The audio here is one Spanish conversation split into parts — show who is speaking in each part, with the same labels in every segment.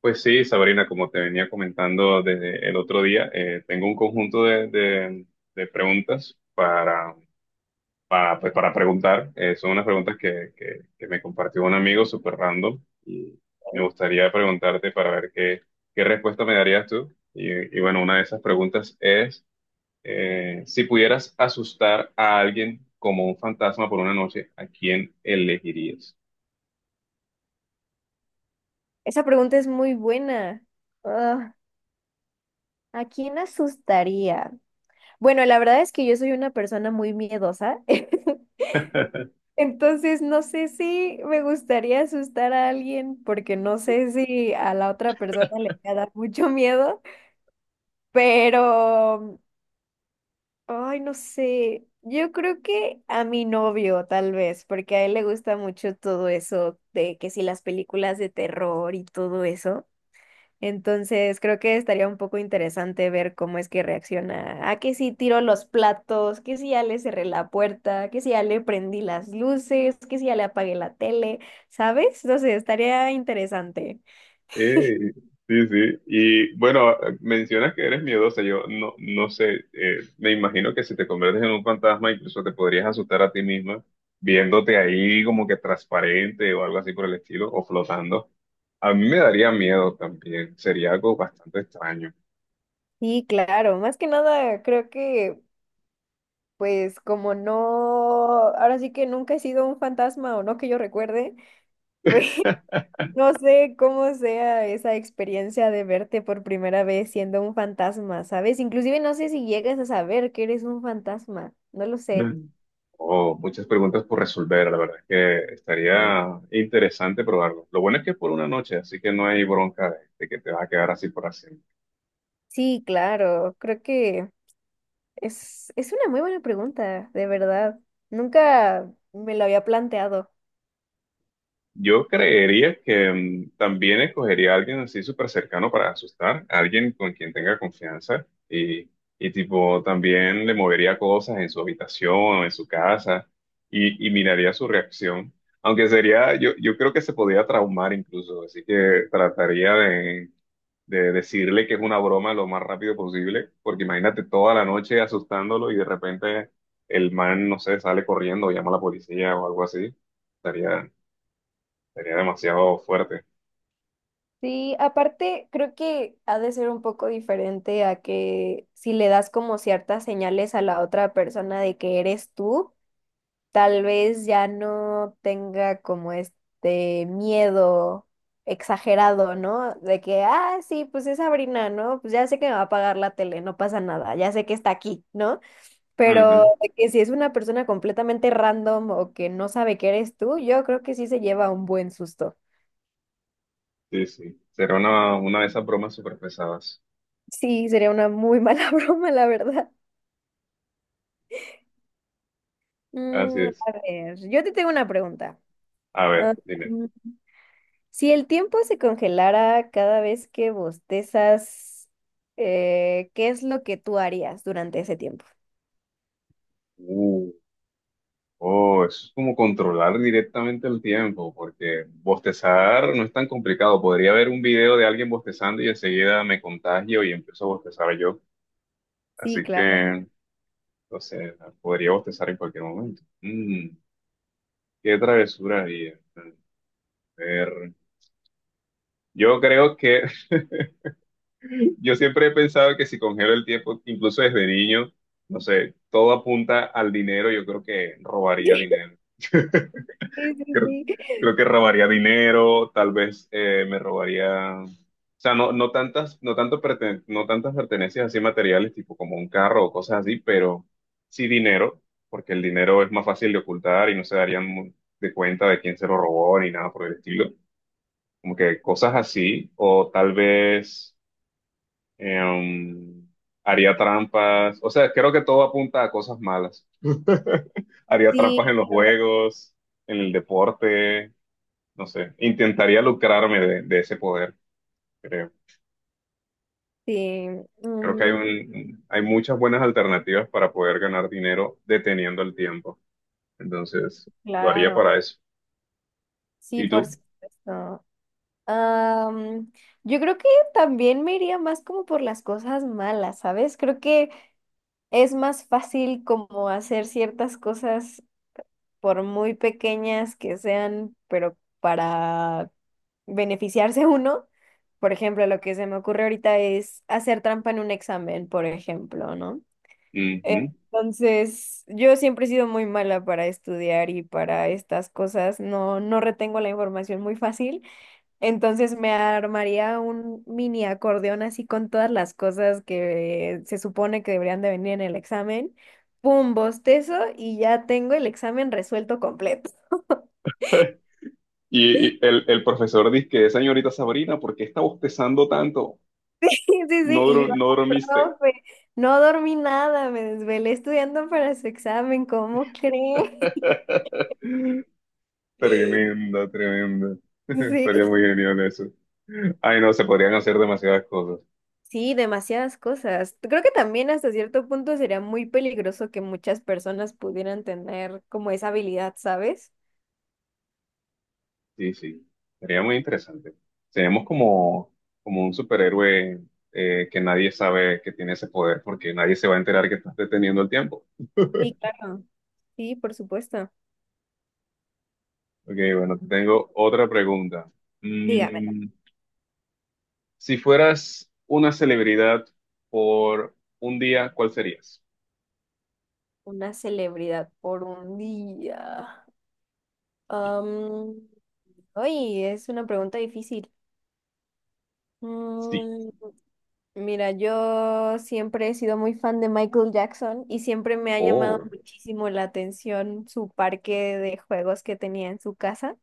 Speaker 1: Pues sí, Sabrina, como te venía comentando desde el otro día, tengo un conjunto de preguntas pues, para preguntar. Son unas preguntas que me compartió un amigo súper random y me gustaría preguntarte para ver qué respuesta me darías tú. Y bueno, una de esas preguntas es, si pudieras asustar a alguien como un fantasma por una noche, ¿a quién elegirías?
Speaker 2: Esa pregunta es muy buena. Ah, ¿a quién asustaría? Bueno, la verdad es que yo soy una persona muy miedosa, entonces no sé si me gustaría asustar a alguien porque no sé si a la otra persona le va a dar mucho miedo, pero, ay, no sé, yo creo que a mi novio tal vez, porque a él le gusta mucho todo eso de que si las películas de terror y todo eso. Entonces, creo que estaría un poco interesante ver cómo es que reacciona. A que si tiro los platos, que si ya le cerré la puerta, que si ya le prendí las luces, que si ya le apagué la tele, ¿sabes? No sé, estaría interesante.
Speaker 1: Eh, sí, sí. Y bueno, mencionas que eres miedosa. Yo no sé, me imagino que si te conviertes en un fantasma, incluso te podrías asustar a ti misma viéndote ahí como que transparente o algo así por el estilo, o flotando. A mí me daría miedo también. Sería algo bastante extraño.
Speaker 2: Sí, claro, más que nada, creo que, pues, como no, ahora sí que nunca he sido un fantasma o no que yo recuerde, pues. No sé cómo sea esa experiencia de verte por primera vez siendo un fantasma, ¿sabes? Inclusive no sé si llegas a saber que eres un fantasma, no lo sé.
Speaker 1: Mm. Oh, muchas preguntas por resolver. La verdad es que
Speaker 2: Eh,
Speaker 1: estaría interesante probarlo. Lo bueno es que es por una noche, así que no hay bronca de que te vas a quedar así por así.
Speaker 2: Sí, claro, creo que es una muy buena pregunta, de verdad. Nunca me lo había planteado.
Speaker 1: Yo creería que también escogería a alguien así súper cercano para asustar, a alguien con quien tenga confianza y tipo también le movería cosas en su habitación o en su casa y miraría su reacción. Aunque sería, yo creo que se podría traumar incluso, así que trataría de decirle que es una broma lo más rápido posible, porque imagínate toda la noche asustándolo y de repente el man, no sé, sale corriendo o llama a la policía o algo así. Estaría, sería demasiado fuerte.
Speaker 2: Sí, aparte creo que ha de ser un poco diferente a que si le das como ciertas señales a la otra persona de que eres tú. Tal vez ya no tenga como este miedo exagerado, ¿no? De que, ah, sí, pues es Sabrina, ¿no? Pues ya sé que me va a pagar la tele, no pasa nada, ya sé que está aquí, ¿no? Pero
Speaker 1: Ujú.
Speaker 2: de que si es una persona completamente random o que no sabe que eres tú, yo creo que sí se lleva un buen susto.
Speaker 1: Sí, sí. Será una de esas bromas súper pesadas.
Speaker 2: Sí, sería una muy mala broma, la verdad.
Speaker 1: Así es.
Speaker 2: A ver, yo te tengo una pregunta.
Speaker 1: A
Speaker 2: Ah,
Speaker 1: ver, dime.
Speaker 2: si el tiempo se congelara cada vez que bostezas, ¿qué es lo que tú harías durante ese tiempo?
Speaker 1: Uh, oh, eso es como controlar directamente el tiempo, porque bostezar no es tan complicado. Podría ver un video de alguien bostezando y enseguida me contagio y empiezo a bostezar yo.
Speaker 2: Sí,
Speaker 1: Así
Speaker 2: claro.
Speaker 1: que, no sé, podría bostezar en cualquier momento. Mm, ¿qué travesura haría? A ver, yo creo que yo siempre he pensado que si congelo el tiempo, incluso desde niño, no sé, todo apunta al dinero, yo creo que robaría dinero.
Speaker 2: Sí, sí,
Speaker 1: Creo,
Speaker 2: sí.
Speaker 1: creo que robaría dinero, tal vez me robaría, o sea, no tantas, no tanto no tantas pertenencias así materiales, tipo como un carro o cosas así, pero sí dinero, porque el dinero es más fácil de ocultar y no se darían de cuenta de quién se lo robó ni nada por el estilo. Como que cosas así, o tal vez Em, haría trampas. O sea, creo que todo apunta a cosas malas. Haría trampas
Speaker 2: Sí,
Speaker 1: en los
Speaker 2: la verdad,
Speaker 1: juegos, en el deporte, no sé. Intentaría lucrarme de ese poder, creo.
Speaker 2: sí.
Speaker 1: Creo que hay
Speaker 2: Mm,
Speaker 1: hay muchas buenas alternativas para poder ganar dinero deteniendo el tiempo. Entonces, lo haría
Speaker 2: claro.
Speaker 1: para eso.
Speaker 2: Sí,
Speaker 1: ¿Y
Speaker 2: por
Speaker 1: tú?
Speaker 2: supuesto. Am, yo creo que también me iría más como por las cosas malas, ¿sabes? Creo que es más fácil como hacer ciertas cosas por muy pequeñas que sean, pero para beneficiarse uno, por ejemplo, lo que se me ocurre ahorita es hacer trampa en un examen, por ejemplo, ¿no?
Speaker 1: Ujú.
Speaker 2: Entonces, yo siempre he sido muy mala para estudiar y para estas cosas, no, no retengo la información muy fácil, entonces me armaría un mini acordeón así con todas las cosas que se supone que deberían de venir en el examen, pum, bostezo y ya tengo el examen resuelto completo.
Speaker 1: Y el profesor dice que, señorita Sabrina, ¿por qué está bostezando tanto?
Speaker 2: Sí, sí,
Speaker 1: No,
Speaker 2: sí, y yo,
Speaker 1: no dormiste.
Speaker 2: profe, no dormí nada, me desvelé estudiando para su examen, ¿cómo cree?
Speaker 1: Tremenda, tremenda. Estaría muy
Speaker 2: Sí.
Speaker 1: genial eso. Ay, no, se podrían hacer demasiadas cosas.
Speaker 2: Sí, demasiadas cosas. Creo que también hasta cierto punto sería muy peligroso que muchas personas pudieran tener como esa habilidad, ¿sabes?
Speaker 1: Sí, sí. Sería muy interesante. Seríamos como, como un superhéroe que nadie sabe que tiene ese poder porque nadie se va a enterar que estás deteniendo el tiempo.
Speaker 2: Sí, claro. Sí, por supuesto.
Speaker 1: Ok, bueno, te tengo otra pregunta.
Speaker 2: Dígamelo.
Speaker 1: Mm, si fueras una celebridad por un día, ¿cuál serías?
Speaker 2: Una celebridad por un día. Am, Ay, es una pregunta difícil.
Speaker 1: Sí.
Speaker 2: Mm, Mira, yo siempre he sido muy fan de Michael Jackson y siempre me ha llamado
Speaker 1: Oh,
Speaker 2: muchísimo la atención su parque de juegos que tenía en su casa.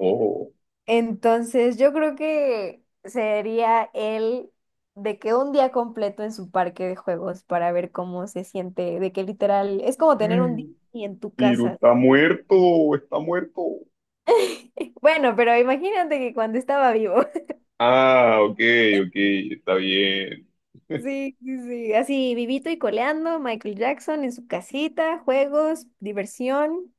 Speaker 1: oh.
Speaker 2: Entonces, yo creo que sería él, de que un día completo en su parque de juegos para ver cómo se siente, de que literal es como tener un día en tu
Speaker 1: Piru
Speaker 2: casa,
Speaker 1: está
Speaker 2: ¿sabes?
Speaker 1: muerto, está muerto.
Speaker 2: Bueno, pero imagínate que cuando estaba vivo.
Speaker 1: Ah, ok, ok, está bien.
Speaker 2: Sí, sí, sí, así vivito y coleando, Michael Jackson en su casita, juegos, diversión.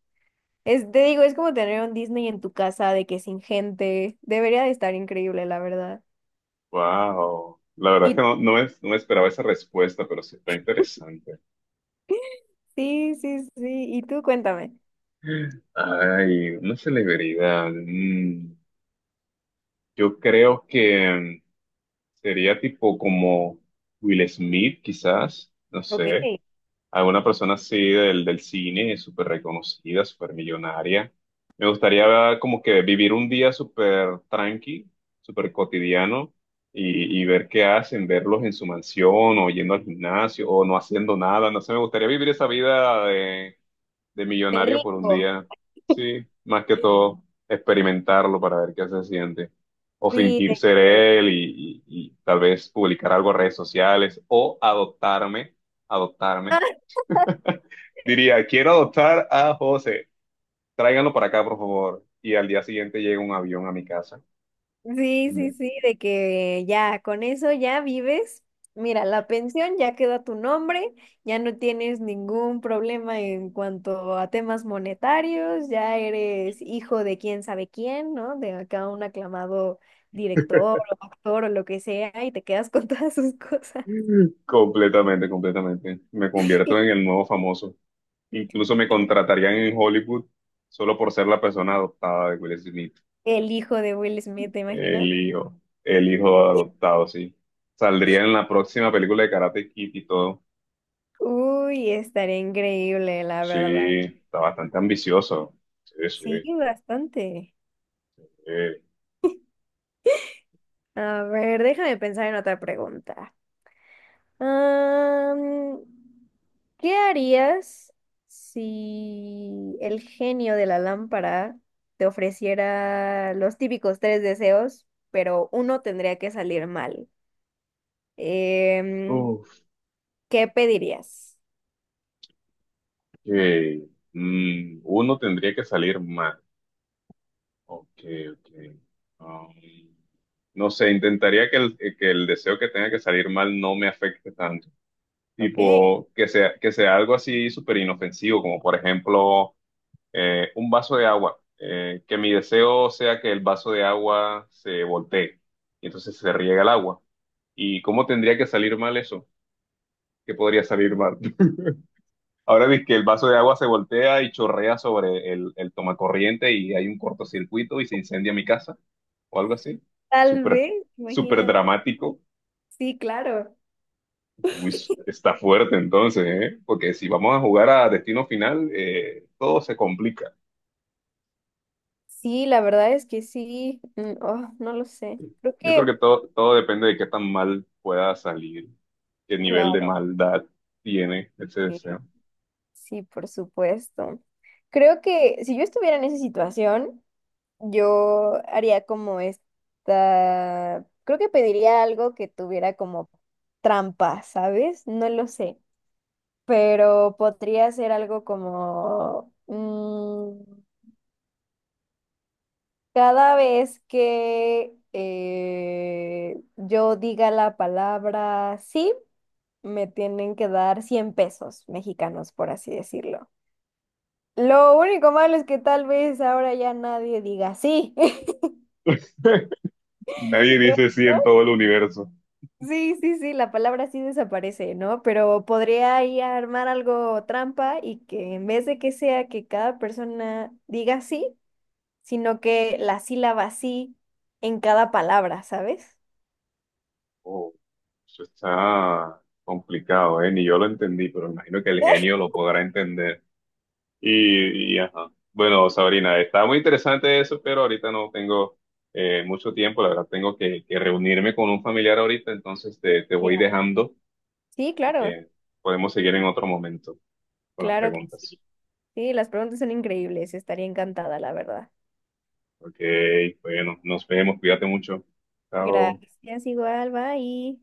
Speaker 2: Es, te digo, es como tener un Disney en tu casa de que sin gente. Debería de estar increíble, la verdad.
Speaker 1: Wow. La verdad es
Speaker 2: Y
Speaker 1: que no me esperaba esa respuesta, pero sí está interesante.
Speaker 2: sí, sí, sí. Y tú cuéntame.
Speaker 1: Ay, una celebridad. Mm, yo creo que mm, sería tipo como Will Smith, quizás. No
Speaker 2: Ok.
Speaker 1: sé. Alguna persona así del cine, súper reconocida, súper millonaria. Me gustaría como que vivir un día súper tranqui, súper cotidiano y ver qué hacen, verlos en su mansión o yendo al gimnasio o no haciendo nada. No sé, me gustaría vivir esa vida de
Speaker 2: De
Speaker 1: millonario por un
Speaker 2: rico.
Speaker 1: día. Sí, más que todo, experimentarlo para ver qué se siente. O
Speaker 2: Sí,
Speaker 1: fingir
Speaker 2: de
Speaker 1: ser
Speaker 2: que.
Speaker 1: él y tal vez publicar algo en redes sociales o adoptarme adoptarme diría, quiero adoptar a José, tráiganlo para acá, por favor. Y al día siguiente llega un avión a mi casa.
Speaker 2: Sí, sí,
Speaker 1: Mm.
Speaker 2: sí, de que ya con eso ya vives. Mira, la pensión ya quedó a tu nombre, ya no tienes ningún problema en cuanto a temas monetarios, ya eres hijo de quién sabe quién, ¿no? De acá un aclamado director o actor o lo que sea, y te quedas con todas sus cosas.
Speaker 1: Completamente, completamente. Me convierto en el nuevo famoso. Incluso me contratarían en Hollywood solo por ser la persona adoptada de Will Smith.
Speaker 2: El hijo de Will Smith, ¿te imaginas?
Speaker 1: El hijo adoptado, sí. Saldría en la próxima película de Karate Kid y todo.
Speaker 2: Uy, estaría increíble, la verdad.
Speaker 1: Sí, está bastante ambicioso. Sí, sí.
Speaker 2: Sí, bastante.
Speaker 1: Sí.
Speaker 2: A ver, déjame pensar en otra pregunta. Am, ¿Qué harías si el genio de la lámpara te ofreciera los típicos tres deseos, pero uno tendría que salir mal? Em,
Speaker 1: Uf,
Speaker 2: ¿Qué pedirías?
Speaker 1: ok. Mm, uno tendría que salir mal. Ok, ok. Um, no sé, intentaría que el deseo que tenga que salir mal no me afecte tanto.
Speaker 2: Ok,
Speaker 1: Tipo, que sea algo así súper inofensivo, como por ejemplo un vaso de agua. Que mi deseo sea que el vaso de agua se voltee y entonces se riega el agua. ¿Y cómo tendría que salir mal eso? ¿Qué podría salir mal? Ahora ves que el vaso de agua se voltea y chorrea sobre el tomacorriente y hay un cortocircuito y se incendia mi casa o algo así.
Speaker 2: tal
Speaker 1: Súper,
Speaker 2: vez,
Speaker 1: súper
Speaker 2: imagínate.
Speaker 1: dramático.
Speaker 2: Sí, claro.
Speaker 1: Uy, está fuerte entonces, ¿eh? Porque si vamos a jugar a destino final, todo se complica.
Speaker 2: Sí, la verdad es que sí. Oh, no lo sé. Creo
Speaker 1: Yo creo
Speaker 2: que,
Speaker 1: que todo, todo depende de qué tan mal pueda salir, qué nivel de
Speaker 2: claro,
Speaker 1: maldad tiene ese deseo.
Speaker 2: sí, por supuesto. Creo que si yo estuviera en esa situación, yo haría como esta, creo que pediría algo que tuviera como trampa, ¿sabes? No lo sé, pero podría ser algo como cada vez que yo diga la palabra sí, me tienen que dar 100 pesos mexicanos, por así decirlo. Lo único malo es que tal vez ahora ya nadie diga sí.
Speaker 1: Nadie
Speaker 2: ¿Te
Speaker 1: dice sí en todo el universo.
Speaker 2: Sí, sí, sí, la palabra sí desaparece, ¿no? Pero podría ahí armar algo trampa y que en vez de que sea que cada persona diga sí, sino que la sílaba sí en cada palabra, ¿sabes?
Speaker 1: Oh. Eso está complicado, ¿eh? Ni yo lo entendí, pero imagino que el genio lo podrá entender. Y, ajá. Bueno, Sabrina, está muy interesante eso, pero ahorita no tengo mucho tiempo. La verdad, tengo que reunirme con un familiar ahorita, entonces te
Speaker 2: Ya.
Speaker 1: voy dejando.
Speaker 2: Sí,
Speaker 1: Así
Speaker 2: claro,
Speaker 1: que podemos seguir en otro momento con las
Speaker 2: claro que
Speaker 1: preguntas.
Speaker 2: sí. Sí, las preguntas son increíbles, estaría encantada, la verdad.
Speaker 1: Ok, bueno, nos vemos. Cuídate mucho. Chao.
Speaker 2: Gracias, igual, bye.